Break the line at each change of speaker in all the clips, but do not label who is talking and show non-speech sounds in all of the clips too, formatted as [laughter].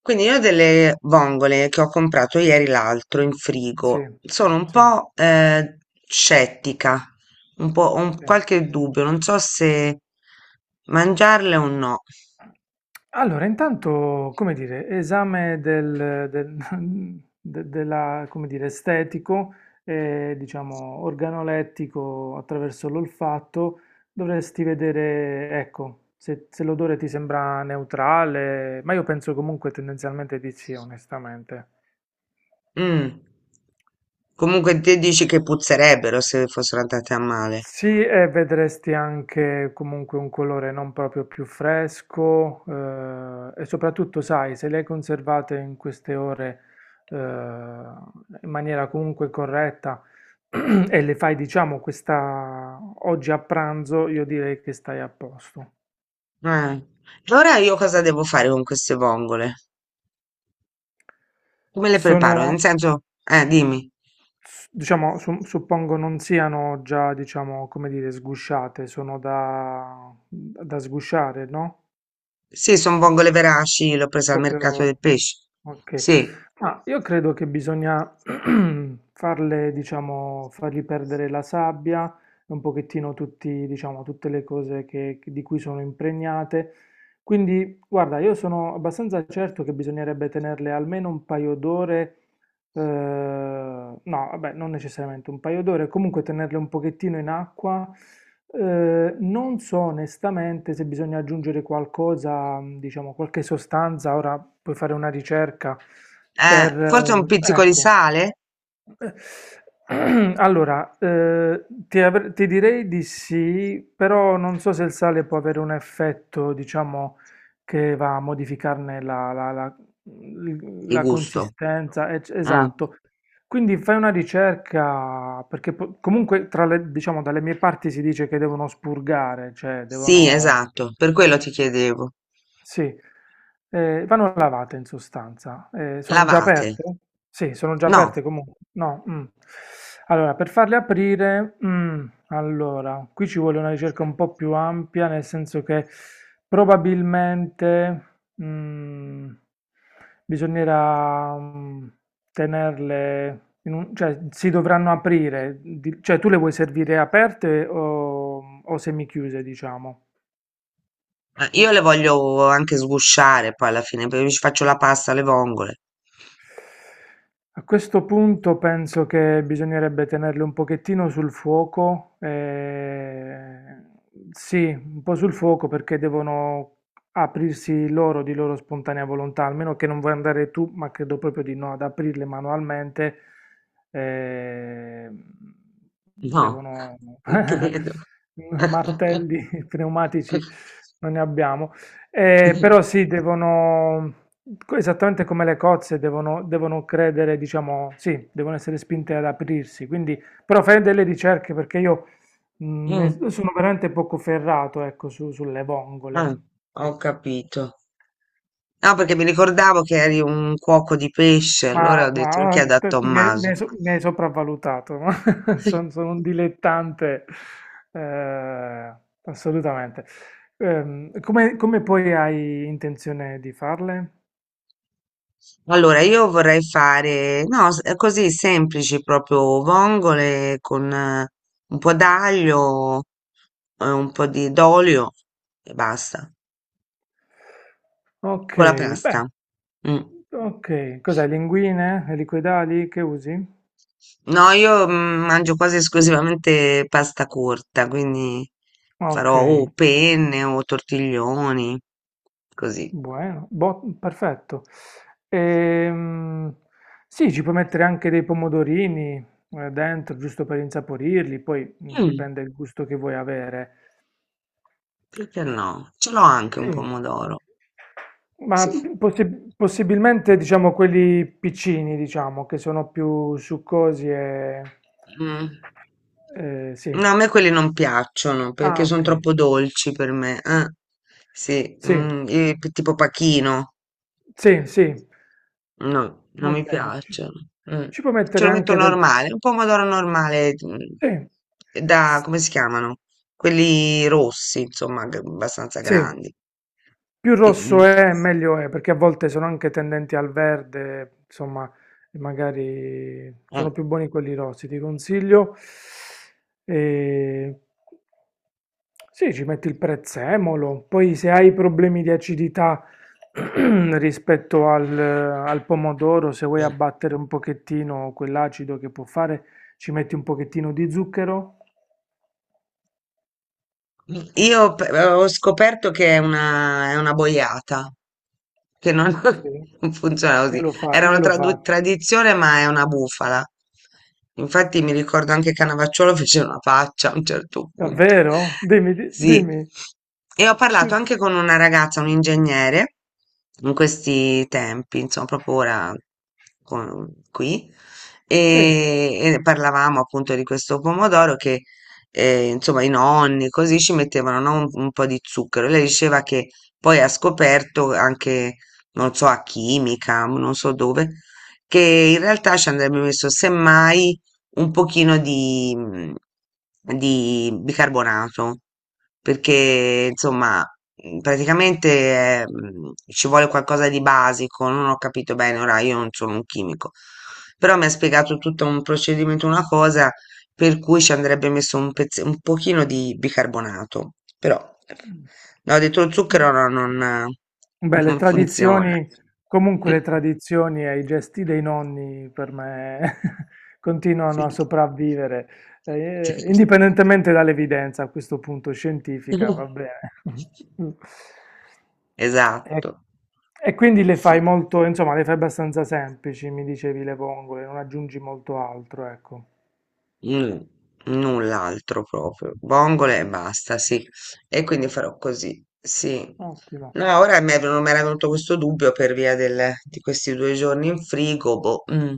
Quindi io ho delle vongole che ho comprato ieri l'altro in
Sì,
frigo, sono un
sì,
po' scettica, un po', ho
sì.
qualche dubbio, non so se mangiarle o no.
Allora, intanto, come dire, esame del [laughs] della, come dire, estetico e, diciamo, organolettico attraverso l'olfatto, dovresti vedere, ecco, se, se l'odore ti sembra neutrale, ma io penso comunque tendenzialmente di sì, onestamente.
Mm. Comunque te dici che puzzerebbero se fossero andate a male.
Sì, e vedresti anche comunque un colore non proprio più fresco e soprattutto, sai, se le hai conservate in queste ore in maniera comunque corretta [clears throat] e le fai, diciamo, questa oggi a pranzo, io direi che stai a posto.
Eh. Allora io cosa devo fare con queste vongole? Come le preparo? Nel
Sono,
senso, dimmi.
diciamo, suppongo non siano già, diciamo, come dire, sgusciate, sono da, da sgusciare, no?
Sì, sono vongole veraci, l'ho presa al mercato del
Proprio...
pesce.
Ok,
Sì.
ma io credo che bisogna [clears throat] farle, diciamo, fargli perdere la sabbia, e un pochettino tutti, diciamo, tutte le cose di cui sono impregnate. Quindi, guarda, io sono abbastanza certo che bisognerebbe tenerle almeno un paio d'ore no, vabbè, non necessariamente un paio d'ore, comunque tenerle un pochettino in acqua. Non so onestamente se bisogna aggiungere qualcosa, diciamo qualche sostanza, ora puoi fare una ricerca per...
Forse un pizzico di
ecco,
sale?
eh, [clears throat] allora, ti, ti direi di sì, però non so se il sale può avere un effetto, diciamo, che va a modificarne la, la- la- l-
Il
la
gusto.
consistenza.
Ah,
Esatto. Quindi fai una ricerca, perché comunque diciamo, dalle mie parti si dice che devono spurgare, cioè
sì,
devono...
esatto, per quello ti chiedevo.
Sì, vanno lavate in sostanza. Sono già
Lavate.
aperte? Sì, sono già
No,
aperte comunque? No. Allora, per farle aprire, allora, qui ci vuole una ricerca un po' più ampia, nel senso che probabilmente, mhmm, bisognerà, tenerle in un cioè si dovranno aprire, di cioè tu le vuoi servire aperte o semichiuse, diciamo?
io le voglio anche sgusciare poi alla fine, perché ci faccio la pasta alle vongole.
A questo punto penso che bisognerebbe tenerle un pochettino sul fuoco, sì, un po' sul fuoco perché devono aprirsi loro di loro spontanea volontà, almeno che non vuoi andare tu, ma credo proprio di no, ad aprirle manualmente, eh,
No,
devono
non
[laughs]
credo. [laughs]
martelli [laughs] pneumatici, non ne abbiamo. Però sì, devono, esattamente come le cozze, devono, devono credere, diciamo, sì, devono essere spinte ad aprirsi. Quindi, però fai delle ricerche perché io
Mm,
sono veramente poco ferrato, ecco, sulle vongole.
ah, ho
Sì.
capito. No, perché mi ricordavo che eri un cuoco di pesce,
Ma,
allora ho detto lo chiedo a
mi hai mi
Tommaso.
hai mi hai sopravvalutato. [laughs]
[laughs]
Sono un dilettante, eh, assolutamente. Come, come poi hai intenzione di farle?
Allora, io vorrei fare, no, così semplici, proprio vongole con un po' d'aglio, un po' di d'olio e basta,
Ok,
con la
beh.
pasta. Mm.
Ok, cos'è? Linguine e liquidali che usi?
No, io mangio quasi esclusivamente pasta corta, quindi
Ok,
farò o penne o tortiglioni, così.
buono, perfetto. Ehm, sì, ci puoi mettere anche dei pomodorini dentro, giusto per insaporirli, poi mm,
Mm,
dipende il gusto che vuoi avere.
perché no? Ce l'ho anche un
Sì.
pomodoro.
Ma
Sì.
possibilmente diciamo quelli piccini, diciamo, che sono più succosi e...
Mm.
sì.
No, a me quelli non piacciono perché
Ah
sono
ok,
troppo dolci per me. Sì,
sì,
tipo pachino.
sì, sì,
No, non
va
mi
bene. Ci,
piacciono. Mm.
ci puoi
Ce
mettere
lo metto
anche del...
normale, un pomodoro normale,
Sì,
mm, da,
s-
come si chiamano? Quelli rossi, insomma, abbastanza
sì,
grandi.
più
Mm, mm.
rosso è, meglio è, perché a volte sono anche tendenti al verde, insomma, magari
Eh,
sono più buoni quelli rossi, ti consiglio. E... sì, ci metti il prezzemolo, poi se hai problemi di acidità [clears throat] rispetto al, al pomodoro, se vuoi
eh.
abbattere un pochettino quell'acido che può fare, ci metti un pochettino di zucchero.
Io ho scoperto che è una boiata, che non, [laughs]
Sì.
non funziona
Io
così.
lo fa-
Era una
io lo faccio.
tradizione, ma è una bufala. Infatti mi ricordo anche Canavacciolo fece una faccia a un certo punto.
Davvero?
[laughs]
Dimmi,
Sì.
dimmi.
E ho parlato
Che-
anche con una ragazza, un ingegnere, in questi tempi, insomma, proprio ora qui,
Sì.
e parlavamo appunto di questo pomodoro che insomma i nonni, così ci mettevano, no, un po' di zucchero. Lei diceva che poi ha scoperto anche, non so, a chimica, non so dove, che in realtà ci andrebbe messo semmai un pochino di, mm, di bicarbonato, perché insomma praticamente ci vuole qualcosa di basico, non ho capito bene, ora io non sono un chimico, però mi ha spiegato tutto un procedimento, una cosa per cui ci andrebbe messo un un pochino di bicarbonato, però no, dentro lo zucchero no, non,
Beh, le
non funziona.
tradizioni, comunque le
[laughs]
tradizioni e i gesti dei nonni per me [laughs] continuano a
Sì,
sopravvivere,
certo.
indipendentemente dall'evidenza a questo punto scientifica,
[laughs]
va bene. [laughs] E,
Esatto,
e quindi le fai
sì.
molto, insomma, le fai abbastanza semplici, mi dicevi le vongole, non aggiungi molto altro, ecco.
Mm, null'altro proprio, vongole e basta, sì. E quindi farò così, sì.
Ottimo.
No, ora mi è mi era venuto questo dubbio per via di questi due giorni in frigo, boh, mm,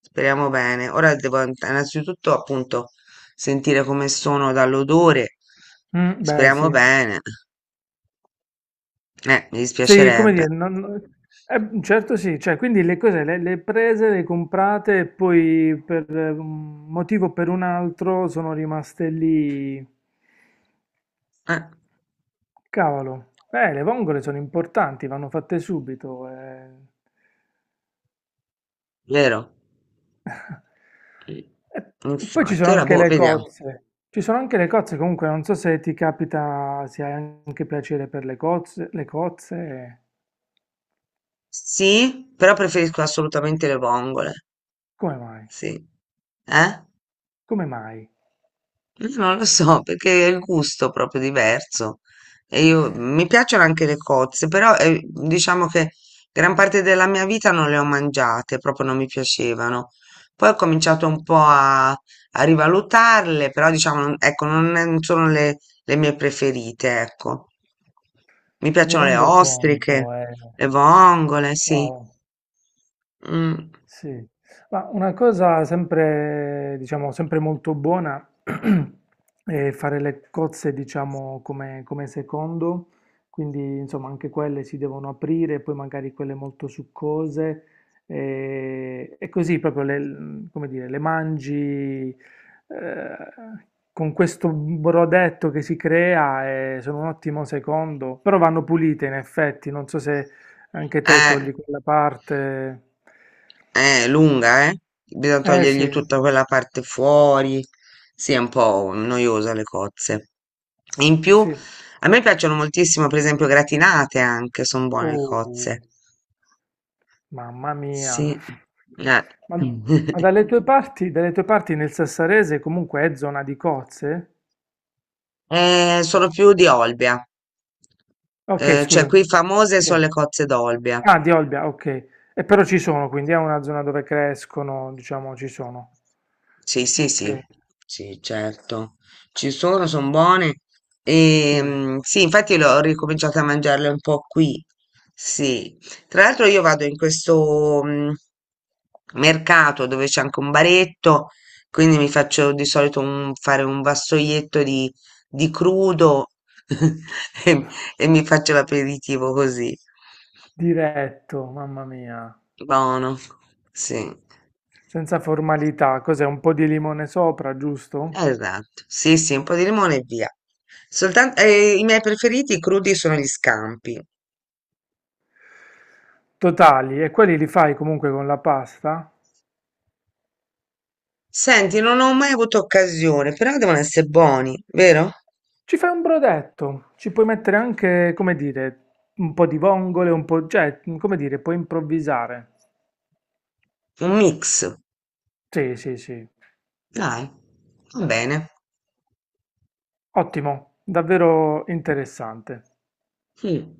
speriamo bene. Ora devo innanzitutto appunto sentire come sono dall'odore,
Mm, beh,
speriamo
sì.
bene. Mi
Sì, come
dispiacerebbe.
dire, non- certo sì, cioè, quindi le cose le prese, le comprate e poi per un motivo o per un altro sono rimaste lì.
Eh,
Cavolo, le vongole sono importanti, vanno fatte subito. Eh.
vero?
[laughs]
Mm.
E poi ci
Infatti,
sono
ora
anche
boh,
le
vediamo.
cozze. Ci sono anche le cozze, comunque non so se ti capita, se hai anche piacere per le cozze,
Sì, però preferisco assolutamente le vongole.
come mai?
Sì. Eh?
Come mai?
Non lo so, perché è il gusto proprio diverso. E io mi piacciono anche le cozze, però diciamo che gran parte della mia vita non le ho mangiate, proprio non mi piacevano. Poi ho cominciato un po' a, a rivalutarle, però diciamo, ecco, non, non sono le mie preferite, ecco. Mi
Mi
piacciono le
rendo conto,
ostriche,
eh.
le vongole, sì.
Wow.
Mm.
Sì, ma una cosa sempre, diciamo, sempre molto buona [clears throat] è fare le cozze, diciamo, come, come secondo, quindi insomma anche quelle si devono aprire, poi magari quelle molto succose e così proprio le, come dire, le mangi eh, con questo brodetto che si crea e sono un ottimo secondo, però vanno pulite in effetti, non so se anche te
Eh,
togli quella parte.
eh, lunga, eh? Bisogna
Eh
togliergli
sì,
tutta quella parte fuori. Sì, è un po' noiosa le cozze. In più,
sì.
a me piacciono moltissimo, per esempio, gratinate anche, sono buone le cozze.
Oh, mamma mia.
Sì. Eh.
Ma
[laughs]
dalle tue parti nel Sassarese comunque è zona di cozze?
Sono più di Olbia.
Ok,
Cioè,
scusami.
qui famose
Sì.
sono le cozze d'Olbia.
Ah, di Olbia, ok. E però ci sono, quindi è una zona dove crescono, diciamo, ci sono.
Sì, sì,
Ok.
sì, sì, certo. Ci sono, sono buone.
Uh,
Sì, infatti l'ho ricominciato a mangiarle un po' qui. Sì. Tra l'altro io vado in questo mercato dove c'è anche un baretto, quindi mi faccio di solito fare un vassoietto di crudo [laughs] e, e mi faccio l'aperitivo così.
diretto, mamma mia.
Buono. Sì.
Senza formalità, cos'è? Un po' di limone sopra, giusto?
Esatto, sì, sì, un po' di limone e via. I miei preferiti crudi sono gli scampi.
Totali, e quelli li fai comunque con la pasta?
Senti, non ho mai avuto occasione, però devono essere buoni, vero?
Ci fai un brodetto, ci puoi mettere anche, come dire, un po' di vongole, un po', cioè, come dire, puoi improvvisare.
Un mix.
Sì, sì, sì.
Dai, va bene.
Ottimo, davvero interessante.
Mm.